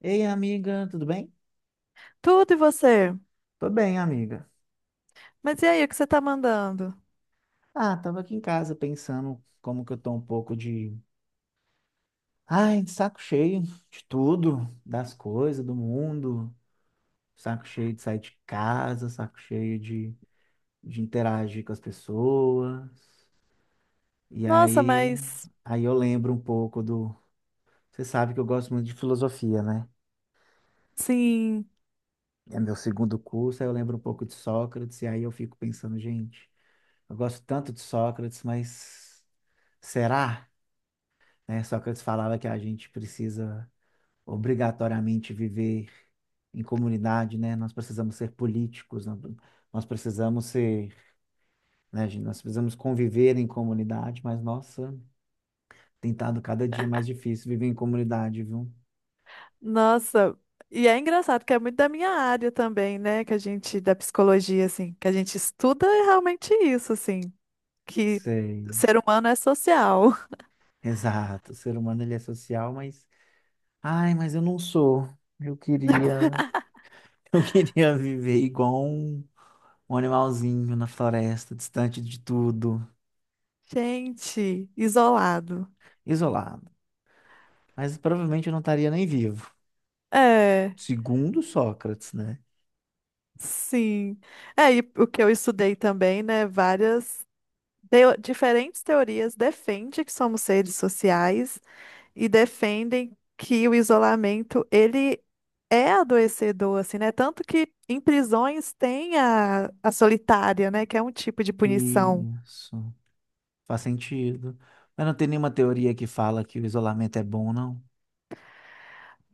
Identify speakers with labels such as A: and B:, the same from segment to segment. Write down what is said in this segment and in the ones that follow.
A: Ei, amiga, tudo bem?
B: Tudo e você?
A: Tô bem, amiga.
B: Mas e aí, o que você tá mandando?
A: Ah, tava aqui em casa pensando como que eu tô um pouco de, ai, de saco cheio de tudo, das coisas, do mundo, saco cheio de sair de casa, saco cheio de interagir com as pessoas. E
B: Nossa,
A: aí,
B: mas
A: aí eu lembro um pouco do, você sabe que eu gosto muito de filosofia, né?
B: sim,
A: É meu segundo curso, aí eu lembro um pouco de Sócrates e aí eu fico pensando, gente, eu gosto tanto de Sócrates, mas será? Né? Sócrates falava que a gente precisa obrigatoriamente viver em comunidade, né? Nós precisamos ser políticos, nós precisamos ser, né, gente? Nós precisamos conviver em comunidade, mas nossa, tem estado cada dia mais difícil viver em comunidade, viu?
B: nossa. E é engraçado que é muito da minha área também, né? Que a gente, da psicologia, assim, que a gente estuda é realmente isso, assim, que
A: Sei,
B: o ser humano é social.
A: exato. O ser humano ele é social, mas ai, mas eu não sou. Eu queria, eu queria viver igual um, um animalzinho na floresta, distante de tudo,
B: Gente, isolado.
A: isolado. Mas provavelmente eu não estaria nem vivo.
B: É,
A: Segundo Sócrates, né?
B: sim. É, e o que eu estudei também, né? Várias diferentes teorias defende que somos seres sociais e defendem que o isolamento ele é adoecedor, assim, né? Tanto que em prisões tem a solitária, né? Que é um tipo de punição.
A: Isso. Faz sentido. Mas não tem nenhuma teoria que fala que o isolamento é bom, não?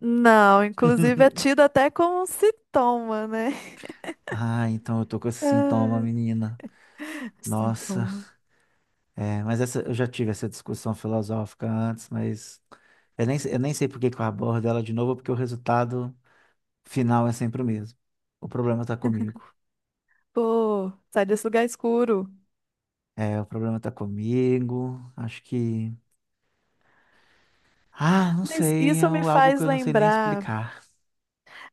B: Não, inclusive é tido até como um sintoma, né?
A: Ah, então eu tô com esse sintoma,
B: Ai,
A: menina. Nossa.
B: sintoma.
A: É, mas essa, eu já tive essa discussão filosófica antes, mas eu nem sei por que que eu abordo ela de novo, porque o resultado final é sempre o mesmo. O problema tá comigo.
B: Pô, sai desse lugar escuro.
A: É, o problema tá comigo. Acho que. Ah, não
B: Mas
A: sei. É
B: isso me
A: algo que
B: faz
A: eu não sei nem
B: lembrar.
A: explicar.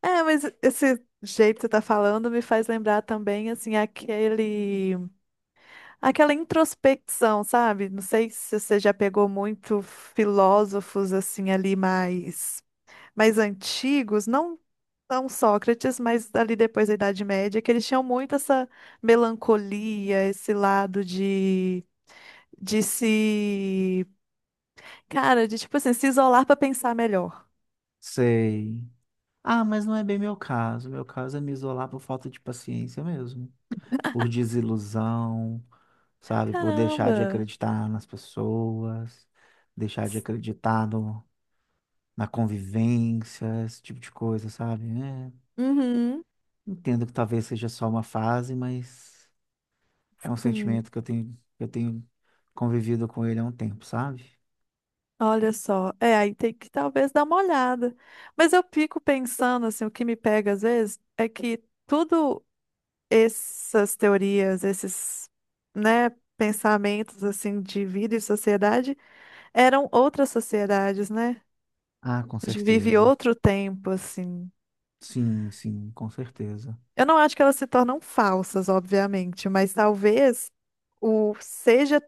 B: É, mas esse jeito que você tá falando me faz lembrar também, assim, aquele. Aquela introspecção, sabe? Não sei se você já pegou muito filósofos assim ali mais mais antigos, não não Sócrates, mas ali depois da Idade Média, que eles tinham muito essa melancolia, esse lado de se, cara, de tipo assim, se isolar para pensar melhor.
A: Sei. Ah, mas não é bem meu caso. Meu caso é me isolar por falta de paciência mesmo. Por desilusão, sabe? Por deixar de
B: Caramba.
A: acreditar nas pessoas, deixar de acreditar no, na convivência, esse tipo de coisa, sabe? É,
B: Uhum.
A: entendo que talvez seja só uma fase, mas é um
B: Sim.
A: sentimento que eu tenho convivido com ele há um tempo, sabe?
B: Olha só, é, aí tem que talvez dar uma olhada. Mas eu fico pensando assim, o que me pega às vezes é que tudo essas teorias, esses, né, pensamentos assim de vida e sociedade eram outras sociedades, né?
A: Ah, com
B: A gente vive
A: certeza.
B: outro tempo assim.
A: Sim, sim, com certeza.
B: Eu não acho que elas se tornam falsas, obviamente, mas talvez o seja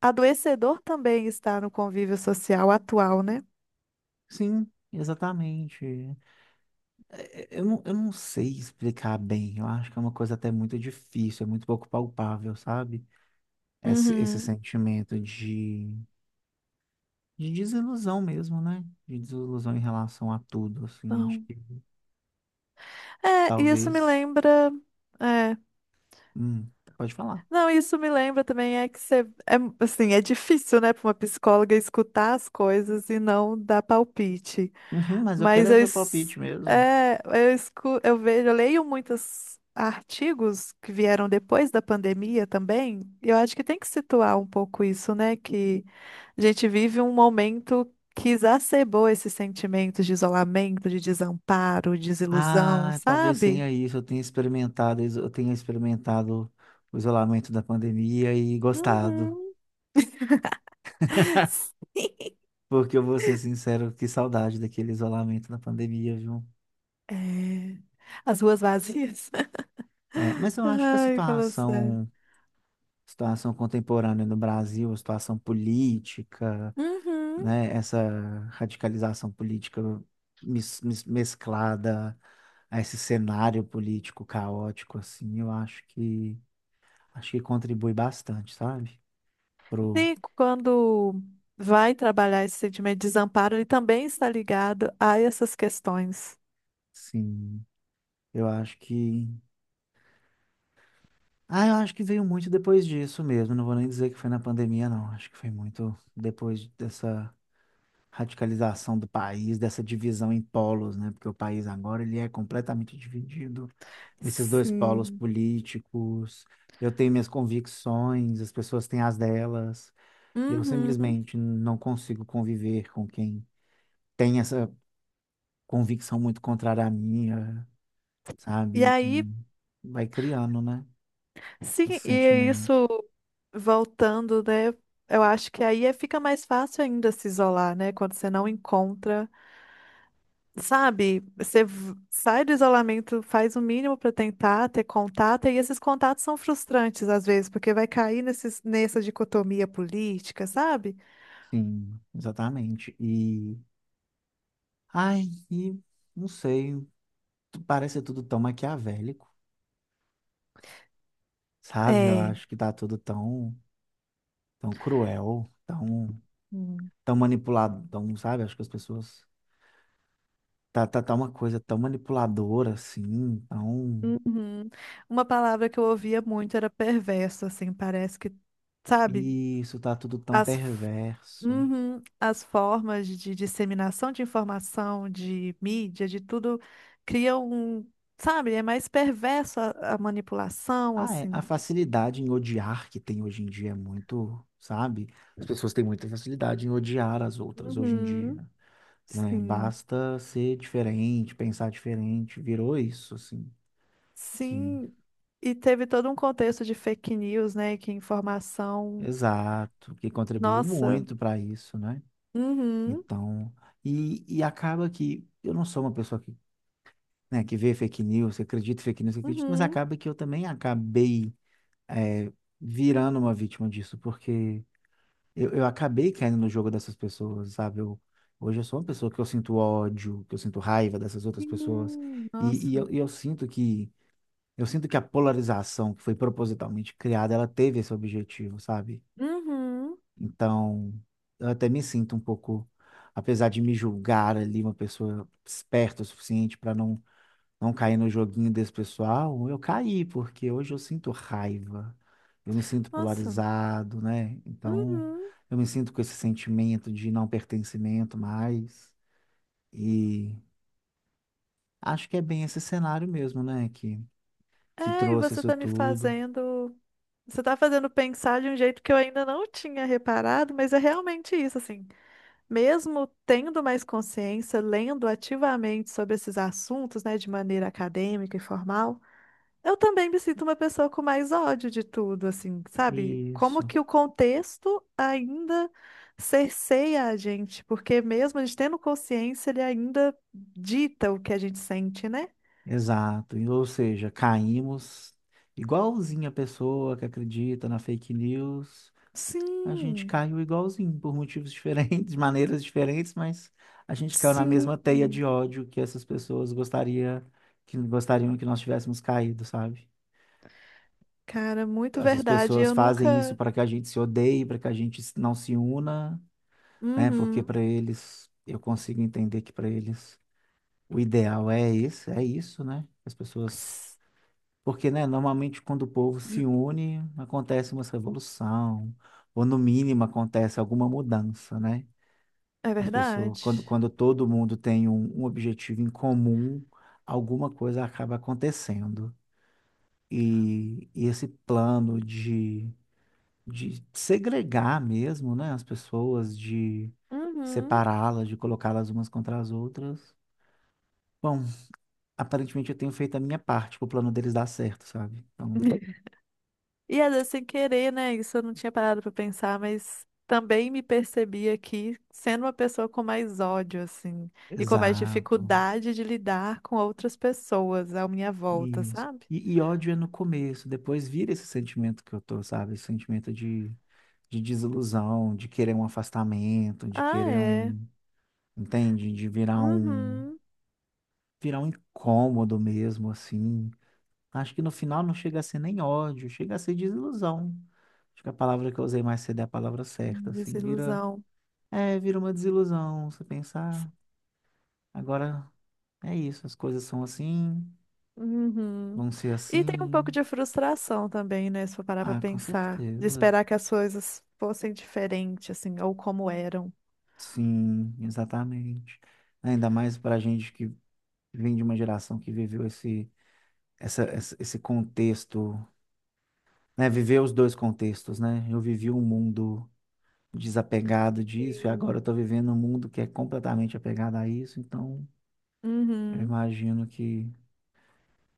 B: adoecedor também estar no convívio social atual, né?
A: Sim, exatamente. É, é, eu não sei explicar bem. Eu acho que é uma coisa até muito difícil, é muito pouco palpável, sabe? Esse
B: Uhum.
A: sentimento de desilusão mesmo, né? De desilusão em relação a tudo, assim. Acho
B: Então,
A: que
B: é, e isso me
A: talvez.
B: lembra. é,
A: Hum, pode falar.
B: Não, isso me lembra também é que você, é, assim, é difícil, né, para uma psicóloga escutar as coisas e não dar palpite.
A: Uhum, mas eu quero
B: Mas
A: é
B: eu,
A: seu palpite
B: es-
A: mesmo.
B: é, eu, eu vejo, eu leio muitos artigos que vieram depois da pandemia também. Eu acho que tem que situar um pouco isso, né, que a gente vive um momento que exacerbou esses sentimentos de isolamento, de desamparo, desilusão,
A: Ah, talvez
B: sabe?
A: tenha isso. Eu tenha experimentado, eu tenha experimentado o isolamento da pandemia e gostado.
B: Uhum.
A: Porque eu vou ser sincero, que saudade daquele isolamento da pandemia, viu?
B: É, as ruas vazias.
A: É, mas eu acho que a
B: Ai, falou sério.
A: situação, situação contemporânea no Brasil, a situação política,
B: Uhum.
A: né, essa radicalização política mesclada a esse cenário político caótico, assim, eu acho que contribui bastante, sabe? Pro,
B: E quando vai trabalhar esse sentimento de desamparo, ele também está ligado a essas questões.
A: sim, eu acho que, ah, eu acho que veio muito depois disso mesmo. Não vou nem dizer que foi na pandemia, não. Acho que foi muito depois dessa radicalização do país, dessa divisão em polos, né? Porque o país agora ele é completamente dividido nesses dois polos
B: Sim.
A: políticos. Eu tenho minhas convicções, as pessoas têm as delas. Eu
B: Uhum.
A: simplesmente não consigo conviver com quem tem essa convicção muito contrária à minha,
B: E
A: sabe?
B: aí,
A: E vai criando, né?
B: sim,
A: Esse
B: e
A: sentimento.
B: isso voltando, né? Eu acho que aí fica mais fácil ainda se isolar, né? Quando você não encontra. Sabe, você sai do isolamento, faz o mínimo para tentar ter contato, e esses contatos são frustrantes às vezes, porque vai cair nessa dicotomia política, sabe?
A: Sim, exatamente. Ai, e não sei, parece tudo tão maquiavélico. Sabe? Eu
B: É.
A: acho que tá tudo tão, tão cruel, tão,
B: Hum.
A: tão manipulado, tão, sabe? Acho que as pessoas. Tá uma coisa tão manipuladora assim, tão.
B: Uhum. Uma palavra que eu ouvia muito era perverso, assim, parece que, sabe,
A: Isso, tá tudo tão
B: as, f-
A: perverso.
B: uhum. As formas de disseminação de informação, de mídia, de tudo, criam um, sabe, é mais perverso a manipulação,
A: Ah, é, a
B: assim.
A: facilidade em odiar que tem hoje em dia é muito, sabe? As pessoas têm muita facilidade em odiar as outras hoje em dia,
B: Uhum.
A: né?
B: Sim,
A: Basta ser diferente, pensar diferente, virou isso, assim, que,
B: sim, e teve todo um contexto de fake news, né? Que informação.
A: exato, que contribuiu
B: Nossa,
A: muito para isso, né?
B: uhum,
A: Então, e acaba que eu não sou uma pessoa que, né, que vê fake news, que acredita em fake news, que acredita, mas
B: uhum,
A: acaba que eu também acabei é, virando uma vítima disso, porque eu acabei caindo no jogo dessas pessoas, sabe? Eu, hoje eu sou uma pessoa que eu sinto ódio, que eu sinto raiva dessas outras pessoas,
B: sim,
A: e, e eu,
B: nossa,
A: e eu sinto que eu sinto que a polarização que foi propositalmente criada, ela teve esse objetivo, sabe?
B: uhum,
A: Então, eu até me sinto um pouco, apesar de me julgar ali uma pessoa esperta o suficiente para não, não cair no joguinho desse pessoal, eu caí, porque hoje eu sinto raiva, eu me sinto
B: nossa,
A: polarizado, né? Então,
B: uhum.
A: eu me sinto com esse sentimento de não pertencimento mais. E acho que é bem esse cenário mesmo, né? Que
B: É, e
A: trouxe
B: você
A: isso
B: tá me
A: tudo.
B: fazendo. Você tá fazendo pensar de um jeito que eu ainda não tinha reparado, mas é realmente isso, assim. Mesmo tendo mais consciência, lendo ativamente sobre esses assuntos, né, de maneira acadêmica e formal. Eu também me sinto uma pessoa com mais ódio de tudo, assim, sabe? Como
A: Isso.
B: que o contexto ainda cerceia a gente, porque mesmo a gente tendo consciência, ele ainda dita o que a gente sente, né?
A: Exato. E, ou seja, caímos igualzinho a pessoa que acredita na fake news. A gente
B: Sim,
A: caiu igualzinho, por motivos diferentes, maneiras diferentes, mas a gente caiu na
B: sim,
A: mesma teia de ódio que essas pessoas gostaria, que gostariam que nós tivéssemos caído, sabe?
B: cara, muito
A: Essas
B: verdade.
A: pessoas
B: Eu
A: fazem isso
B: nunca.
A: para que a gente se odeie, para que a gente não se una, né? Porque
B: Uhum.
A: para eles, eu consigo entender que para eles o ideal é esse, é isso, né? As pessoas
B: S-
A: porque, né, normalmente quando o povo se une, acontece uma revolução, ou no mínimo acontece alguma mudança, né?
B: É
A: As pessoas,
B: verdade.
A: quando, quando todo mundo tem um, um objetivo em comum, alguma coisa acaba acontecendo. E esse plano de segregar mesmo, né, as pessoas, de
B: Uhum.
A: separá-las, de colocá-las umas contra as outras. Bom, aparentemente eu tenho feito a minha parte para o plano deles dar certo, sabe? Então,
B: E às vezes sem querer, né? Isso eu não tinha parado pra pensar, mas também me percebi aqui sendo uma pessoa com mais ódio, assim, e com mais
A: exato.
B: dificuldade de lidar com outras pessoas à minha volta,
A: Isso.
B: sabe?
A: E ódio é no começo, depois vira esse sentimento que eu tô, sabe? Esse sentimento de desilusão, de querer um afastamento, de
B: Ah,
A: querer
B: é.
A: um, entende? De
B: Uhum.
A: virar um incômodo mesmo, assim. Acho que no final não chega a ser nem ódio, chega a ser desilusão. Acho que a palavra que eu usei mais cedo é a palavra certa, assim, vira,
B: Desilusão.
A: é, vira uma desilusão, você pensar, agora é isso, as coisas são assim,
B: Uhum.
A: vão ser
B: E tem um pouco
A: assim.
B: de frustração também, né? Se eu parar pra
A: Ah, com
B: pensar, de
A: certeza.
B: esperar que as coisas fossem diferentes, assim, ou como eram.
A: Sim, exatamente. Ainda mais para a gente que vem de uma geração que viveu esse, essa, esse contexto, né? Viveu os dois contextos, né? Eu vivi um mundo desapegado disso e agora eu
B: Sim.
A: estou vivendo um mundo que é completamente apegado a isso. Então, eu
B: Uhum.
A: imagino que,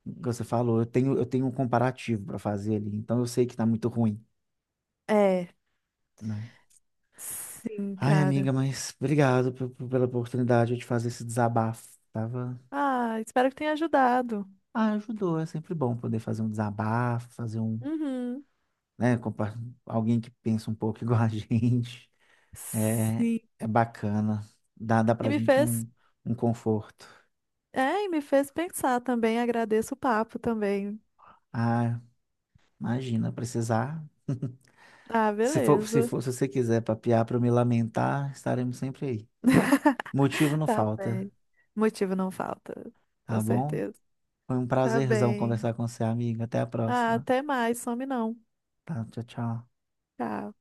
A: como você falou, eu tenho um comparativo para fazer ali. Então, eu sei que está muito ruim,
B: É,
A: né?
B: sim,
A: Ai,
B: cara.
A: amiga, mas obrigado pela oportunidade de fazer esse desabafo. Tava
B: Ah, espero que tenha ajudado.
A: Ah, ajudou. É sempre bom poder fazer um desabafo, fazer um,
B: Uhum.
A: né, alguém que pensa um pouco igual a gente. É,
B: Sim.
A: é bacana. Dá
B: E
A: pra
B: me
A: gente
B: fez,
A: um, um conforto.
B: é, e me fez pensar também. Agradeço o papo também.
A: Ah, imagina, precisar.
B: Ah,
A: Se for, se
B: beleza.
A: for, se você quiser papear para eu me lamentar, estaremos sempre aí. Motivo não
B: Tá
A: falta,
B: bem. Motivo não falta, com
A: tá bom?
B: certeza.
A: Foi um
B: Tá
A: prazerzão
B: bem.
A: conversar com você, amiga. Até a
B: Ah,
A: próxima.
B: até mais, some não.
A: Tá, tchau, tchau.
B: Tchau.